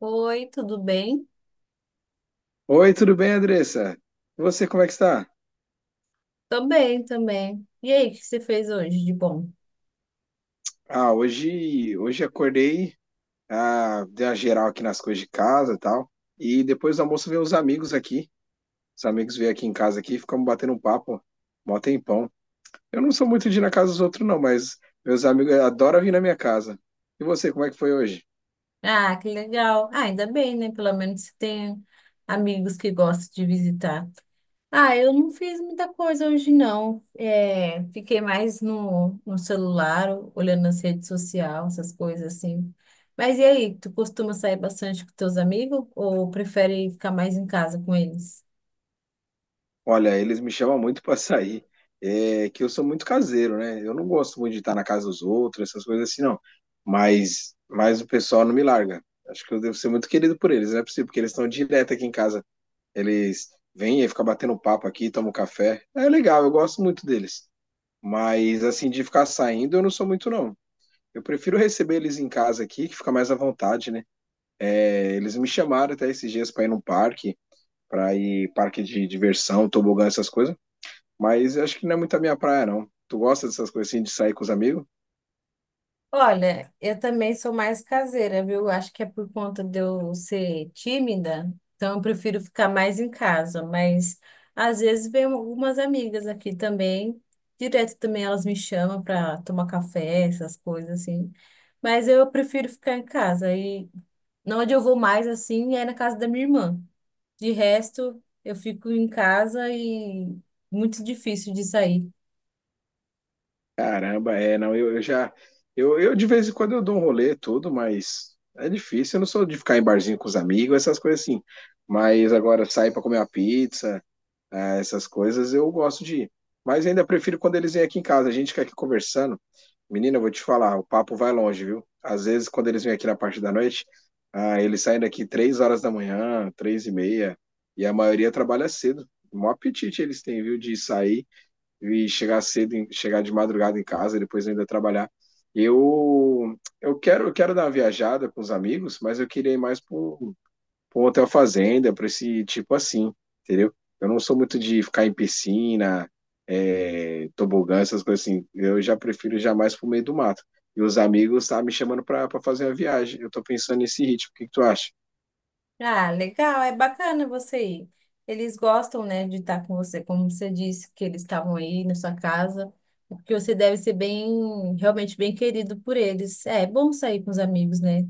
Oi, tudo bem? Oi, tudo bem, Andressa? E você, como é que está? Tô bem também. E aí, o que você fez hoje de bom? Ah, hoje acordei, ah, dei uma geral aqui nas coisas de casa e tal. E depois do almoço veio os amigos aqui. Os amigos vieram aqui em casa aqui, ficamos batendo um papo, mó tempão. Eu não sou muito de ir na casa dos outros, não, mas meus amigos adoram vir na minha casa. E você, como é que foi hoje? Ah, que legal. Ah, ainda bem, né? Pelo menos você tem amigos que gostam de visitar. Ah, eu não fiz muita coisa hoje, não. É, fiquei mais no celular, olhando as redes sociais, essas coisas assim. Mas e aí, tu costuma sair bastante com teus amigos ou prefere ficar mais em casa com eles? Olha, eles me chamam muito para sair, é, que eu sou muito caseiro, né? Eu não gosto muito de estar na casa dos outros, essas coisas assim, não. Mas o pessoal não me larga. Acho que eu devo ser muito querido por eles, não é possível, porque eles estão direto aqui em casa. Eles vêm e ficam batendo papo aqui, tomam café. É legal, eu gosto muito deles. Mas, assim, de ficar saindo, eu não sou muito, não. Eu prefiro receber eles em casa aqui, que fica mais à vontade, né? É, eles me chamaram até esses dias para ir num parque, para ir parque de diversão, tobogã, essas coisas. Mas eu acho que não é muito a minha praia, não. Tu gosta dessas coisas assim de sair com os amigos? Olha, eu também sou mais caseira, viu? Acho que é por conta de eu ser tímida, então eu prefiro ficar mais em casa. Mas às vezes vem algumas amigas aqui também, direto também elas me chamam para tomar café, essas coisas assim. Mas eu prefiro ficar em casa. E onde eu vou mais assim é na casa da minha irmã. De resto, eu fico em casa e muito difícil de sair. Caramba, é, não, eu já. Eu de vez em quando eu dou um rolê, tudo, mas é difícil. Eu não sou de ficar em barzinho com os amigos, essas coisas assim. Mas agora sair pra comer uma pizza, essas coisas, eu gosto de ir. Mas ainda prefiro quando eles vêm aqui em casa. A gente fica aqui conversando. Menina, eu vou te falar, o papo vai longe, viu? Às vezes, quando eles vêm aqui na parte da noite, ah, eles saem daqui 3h da manhã, 3h30, e a maioria trabalha cedo. O maior apetite eles têm, viu, de sair e chegar cedo, chegar de madrugada em casa, depois ainda trabalhar. Eu quero dar uma viajada com os amigos, mas eu queria ir mais para um hotel fazenda, para esse tipo assim, entendeu? Eu não sou muito de ficar em piscina, é, tobogã, essas coisas assim. Eu já prefiro jamais pro meio do mato. E os amigos tá me chamando para fazer uma viagem. Eu tô pensando nesse ritmo. O que que tu acha? Ah, legal, é bacana você ir. Eles gostam, né, de estar com você, como você disse, que eles estavam aí na sua casa, porque você deve ser bem, realmente bem querido por eles. É, é bom sair com os amigos, né?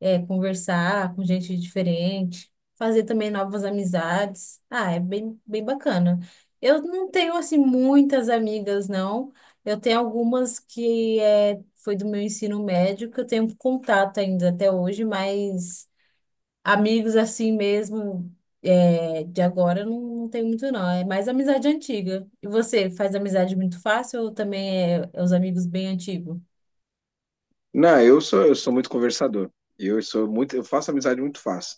É, conversar com gente diferente, fazer também novas amizades. Ah, é bem, bem bacana. Eu não tenho, assim, muitas amigas, não. Eu tenho algumas que é, foi do meu ensino médio, que eu tenho contato ainda até hoje, mas. Amigos assim mesmo, é, de agora, eu não tenho muito, não. É mais amizade antiga. E você, faz amizade muito fácil ou também é os amigos bem antigos? Não, eu sou muito conversador. Eu faço amizade muito fácil.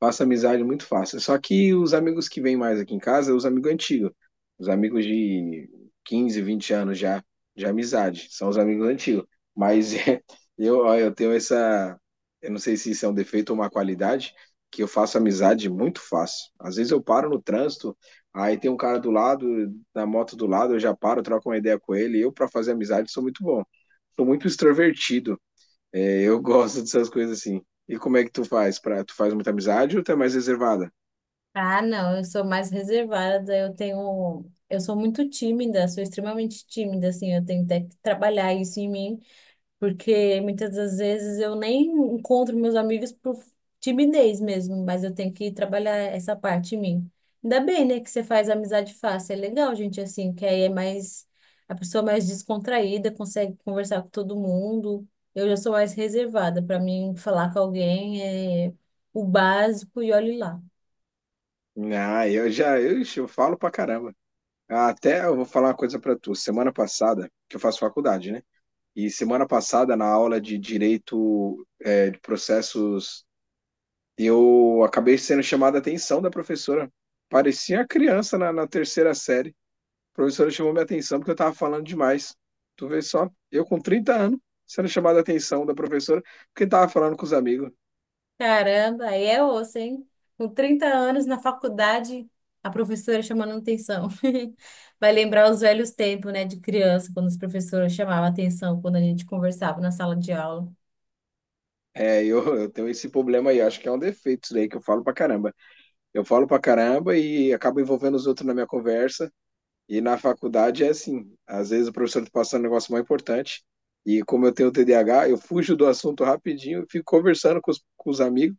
Faço amizade muito fácil. Só que os amigos que vêm mais aqui em casa, os amigos antigos, os amigos de 15, 20 anos já de amizade, são os amigos antigos. Mas é, eu, ó, eu tenho essa, eu não sei se isso é um defeito ou uma qualidade, que eu faço amizade muito fácil. Às vezes eu paro no trânsito, aí tem um cara do lado, na moto do lado, eu já paro, troco uma ideia com ele. Eu para fazer amizade sou muito bom. Sou muito extrovertido. É, eu gosto dessas coisas assim. E como é que tu faz? Pra, tu faz muita amizade ou tu é mais reservada? Ah, não, eu sou mais reservada, eu tenho, eu sou muito tímida, sou extremamente tímida, assim, eu tenho até que trabalhar isso em mim. Porque muitas das vezes eu nem encontro meus amigos por timidez mesmo, mas eu tenho que trabalhar essa parte em mim. Ainda bem, né, que você faz amizade fácil. É legal, gente, assim, que aí é mais, a pessoa é mais descontraída, consegue conversar com todo mundo. Eu já sou mais reservada. Para mim, falar com alguém é o básico e olhe lá. Ah, eu já, eu, ixi, eu falo pra caramba. Ah, até eu vou falar uma coisa pra tu. Semana passada, que eu faço faculdade, né? E semana passada, na aula de direito, é, de processos, eu acabei sendo chamada a atenção da professora. Parecia criança na terceira série. A professora chamou minha atenção porque eu tava falando demais. Tu vê só, eu com 30 anos, sendo chamada a atenção da professora, porque tava falando com os amigos. Caramba, aí é osso, hein? Com 30 anos na faculdade, a professora chamando atenção. Vai lembrar os velhos tempos, né, de criança, quando os professores chamavam atenção quando a gente conversava na sala de aula. É, eu tenho esse problema aí, acho que é um defeito isso daí que eu falo pra caramba. Eu falo pra caramba e acabo envolvendo os outros na minha conversa. E na faculdade é assim, às vezes o professor tá passando um negócio mais importante e como eu tenho TDAH, eu fujo do assunto rapidinho e fico conversando com os amigos.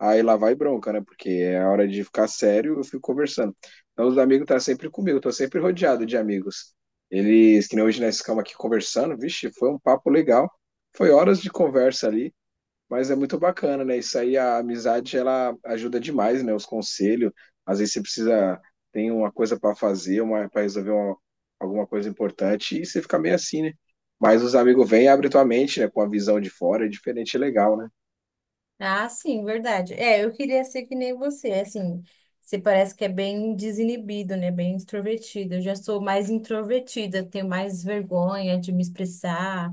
Aí lá vai bronca, né? Porque é a hora de ficar sério, eu fico conversando. Então os amigos tá sempre comigo, tô sempre rodeado de amigos. Eles, que nem hoje nós ficamos aqui conversando, vixe, foi um papo legal. Foi horas de conversa ali, mas é muito bacana, né? Isso aí, a amizade, ela ajuda demais, né? Os conselhos. Às vezes você precisa, tem uma coisa para fazer, uma para resolver alguma coisa importante, e você fica meio assim, né? Mas os amigos vêm e abrem tua mente, né? Com a visão de fora, é diferente e legal, né? Ah, sim, verdade. É, eu queria ser que nem você, assim, você parece que é bem desinibido, né, bem extrovertido. Eu já sou mais introvertida, tenho mais vergonha de me expressar.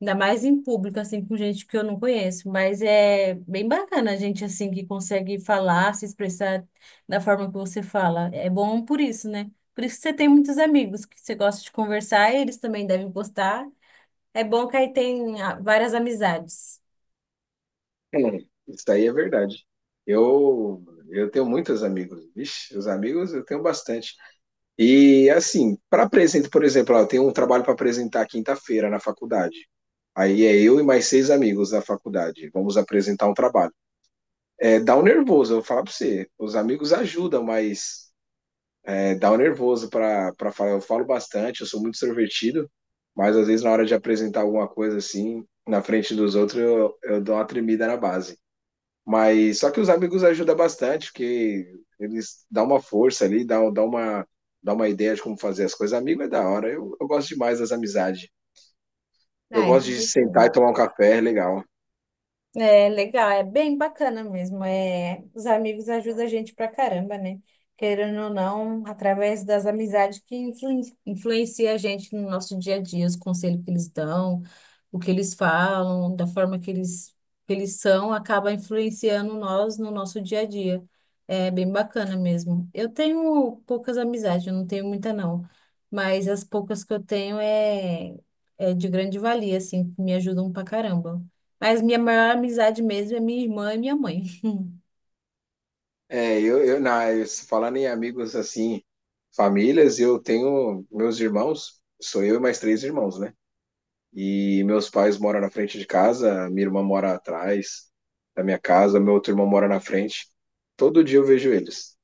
Ainda mais em público, assim, com gente que eu não conheço. Mas é bem bacana a gente, assim, que consegue falar, se expressar da forma que você fala. É bom por isso, né? Por isso que você tem muitos amigos que você gosta de conversar e eles também devem gostar. É bom que aí tem ah, várias amizades. É, isso aí é verdade. Eu, eu tenho muitos amigos. Vixe, os amigos eu tenho bastante. E assim, para apresentar, por exemplo, eu tenho um trabalho para apresentar quinta-feira na faculdade. Aí é eu e mais seis amigos da faculdade. Vamos apresentar um trabalho. É, dá um nervoso, eu vou falar para você. Os amigos ajudam, mas é, dá um nervoso para falar. Eu falo bastante, eu sou muito extrovertido, mas às vezes na hora de apresentar alguma coisa assim, na frente dos outros, eu dou uma tremida na base. Mas só que os amigos ajudam bastante, porque eles dão uma força ali, dão uma ideia de como fazer as coisas. Amigo é da hora, eu gosto demais das amizades. Eu Ah, gosto de sentar e interessante. tomar um café, é legal. É legal, é bem bacana mesmo. É, os amigos ajudam a gente pra caramba, né? Querendo ou não, através das amizades que influencia a gente no nosso dia a dia, os conselhos que eles dão, o que eles falam, da forma que eles são, acaba influenciando nós no nosso dia a dia. É bem bacana mesmo. Eu tenho poucas amizades, eu não tenho muita não, mas as poucas que eu tenho é de grande valia, assim, me ajudam pra caramba. Mas minha maior amizade mesmo é minha irmã e minha mãe. É, eu se falar em amigos assim, famílias, eu tenho meus irmãos, sou eu e mais três irmãos, né? E meus pais moram na frente de casa, minha irmã mora atrás da minha casa, meu outro irmão mora na frente. Todo dia eu vejo eles.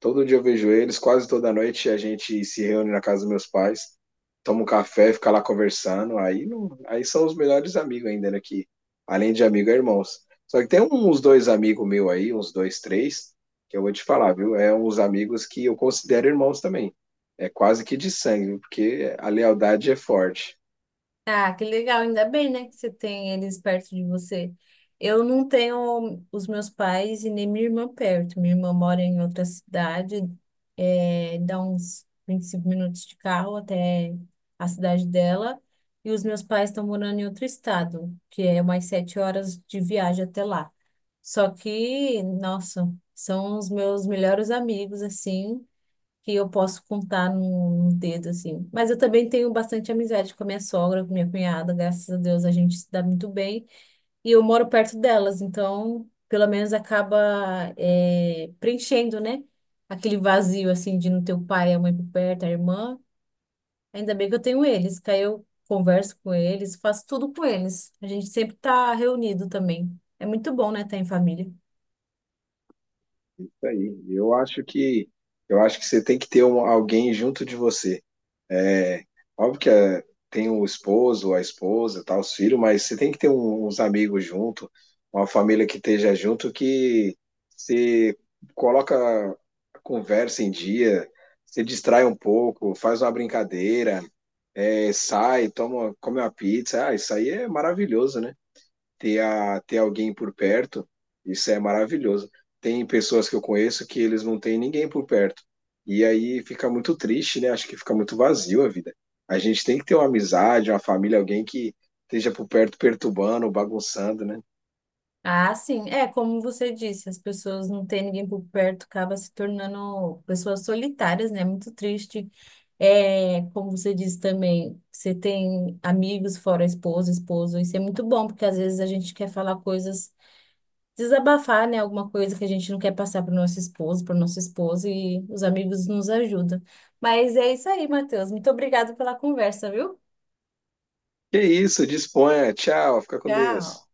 Todo dia eu vejo eles, quase toda noite a gente se reúne na casa dos meus pais, toma um café, fica lá conversando. Aí, não- aí são os melhores amigos ainda, né? Que, além de amigo, é irmãos. Só que tem um, uns dois amigos meus aí, uns dois, três, que eu vou te falar, viu? É uns amigos que eu considero irmãos também. É quase que de sangue, viu? Porque a lealdade é forte. Ah, que legal, ainda bem, né, que você tem eles perto de você. Eu não tenho os meus pais e nem minha irmã perto. Minha irmã mora em outra cidade, é, dá uns 25 minutos de carro até a cidade dela. E os meus pais estão morando em outro estado, que é umas 7 horas de viagem até lá. Só que, nossa, são os meus melhores amigos, assim. Que eu posso contar num dedo, assim. Mas eu também tenho bastante amizade com a minha sogra, com minha cunhada, graças a Deus a gente se dá muito bem. E eu moro perto delas, então pelo menos acaba é, preenchendo, né? Aquele vazio, assim, de não ter o pai, a mãe por perto, a irmã. Ainda bem que eu tenho eles, que aí eu converso com eles, faço tudo com eles. A gente sempre tá reunido também. É muito bom, né, estar em família. Isso aí. Eu acho que você tem que ter alguém junto de você. É, óbvio que é, tem o esposo, a esposa, tá, os filhos, mas você tem que ter uns amigos junto, uma família que esteja junto, que se coloca a conversa em dia, se distrai um pouco, faz uma brincadeira, é, sai, toma, come uma pizza. Ah, isso aí é maravilhoso, né? Ter alguém por perto, isso é maravilhoso. Tem pessoas que eu conheço que eles não têm ninguém por perto. E aí fica muito triste, né? Acho que fica muito vazio a vida. A gente tem que ter uma amizade, uma família, alguém que esteja por perto perturbando, bagunçando, né? Ah, sim. É, como você disse, as pessoas não têm ninguém por perto, acaba se tornando pessoas solitárias, né? Muito triste. É, como você disse também, você tem amigos fora a esposa, esposo, isso é muito bom, porque às vezes a gente quer falar coisas, desabafar, né? Alguma coisa que a gente não quer passar para o nosso esposo, para nossa esposa, e os amigos nos ajudam. Mas é isso aí, Matheus. Muito obrigada pela conversa, viu? Que isso, disponha. Tchau, fica com Tchau. Deus.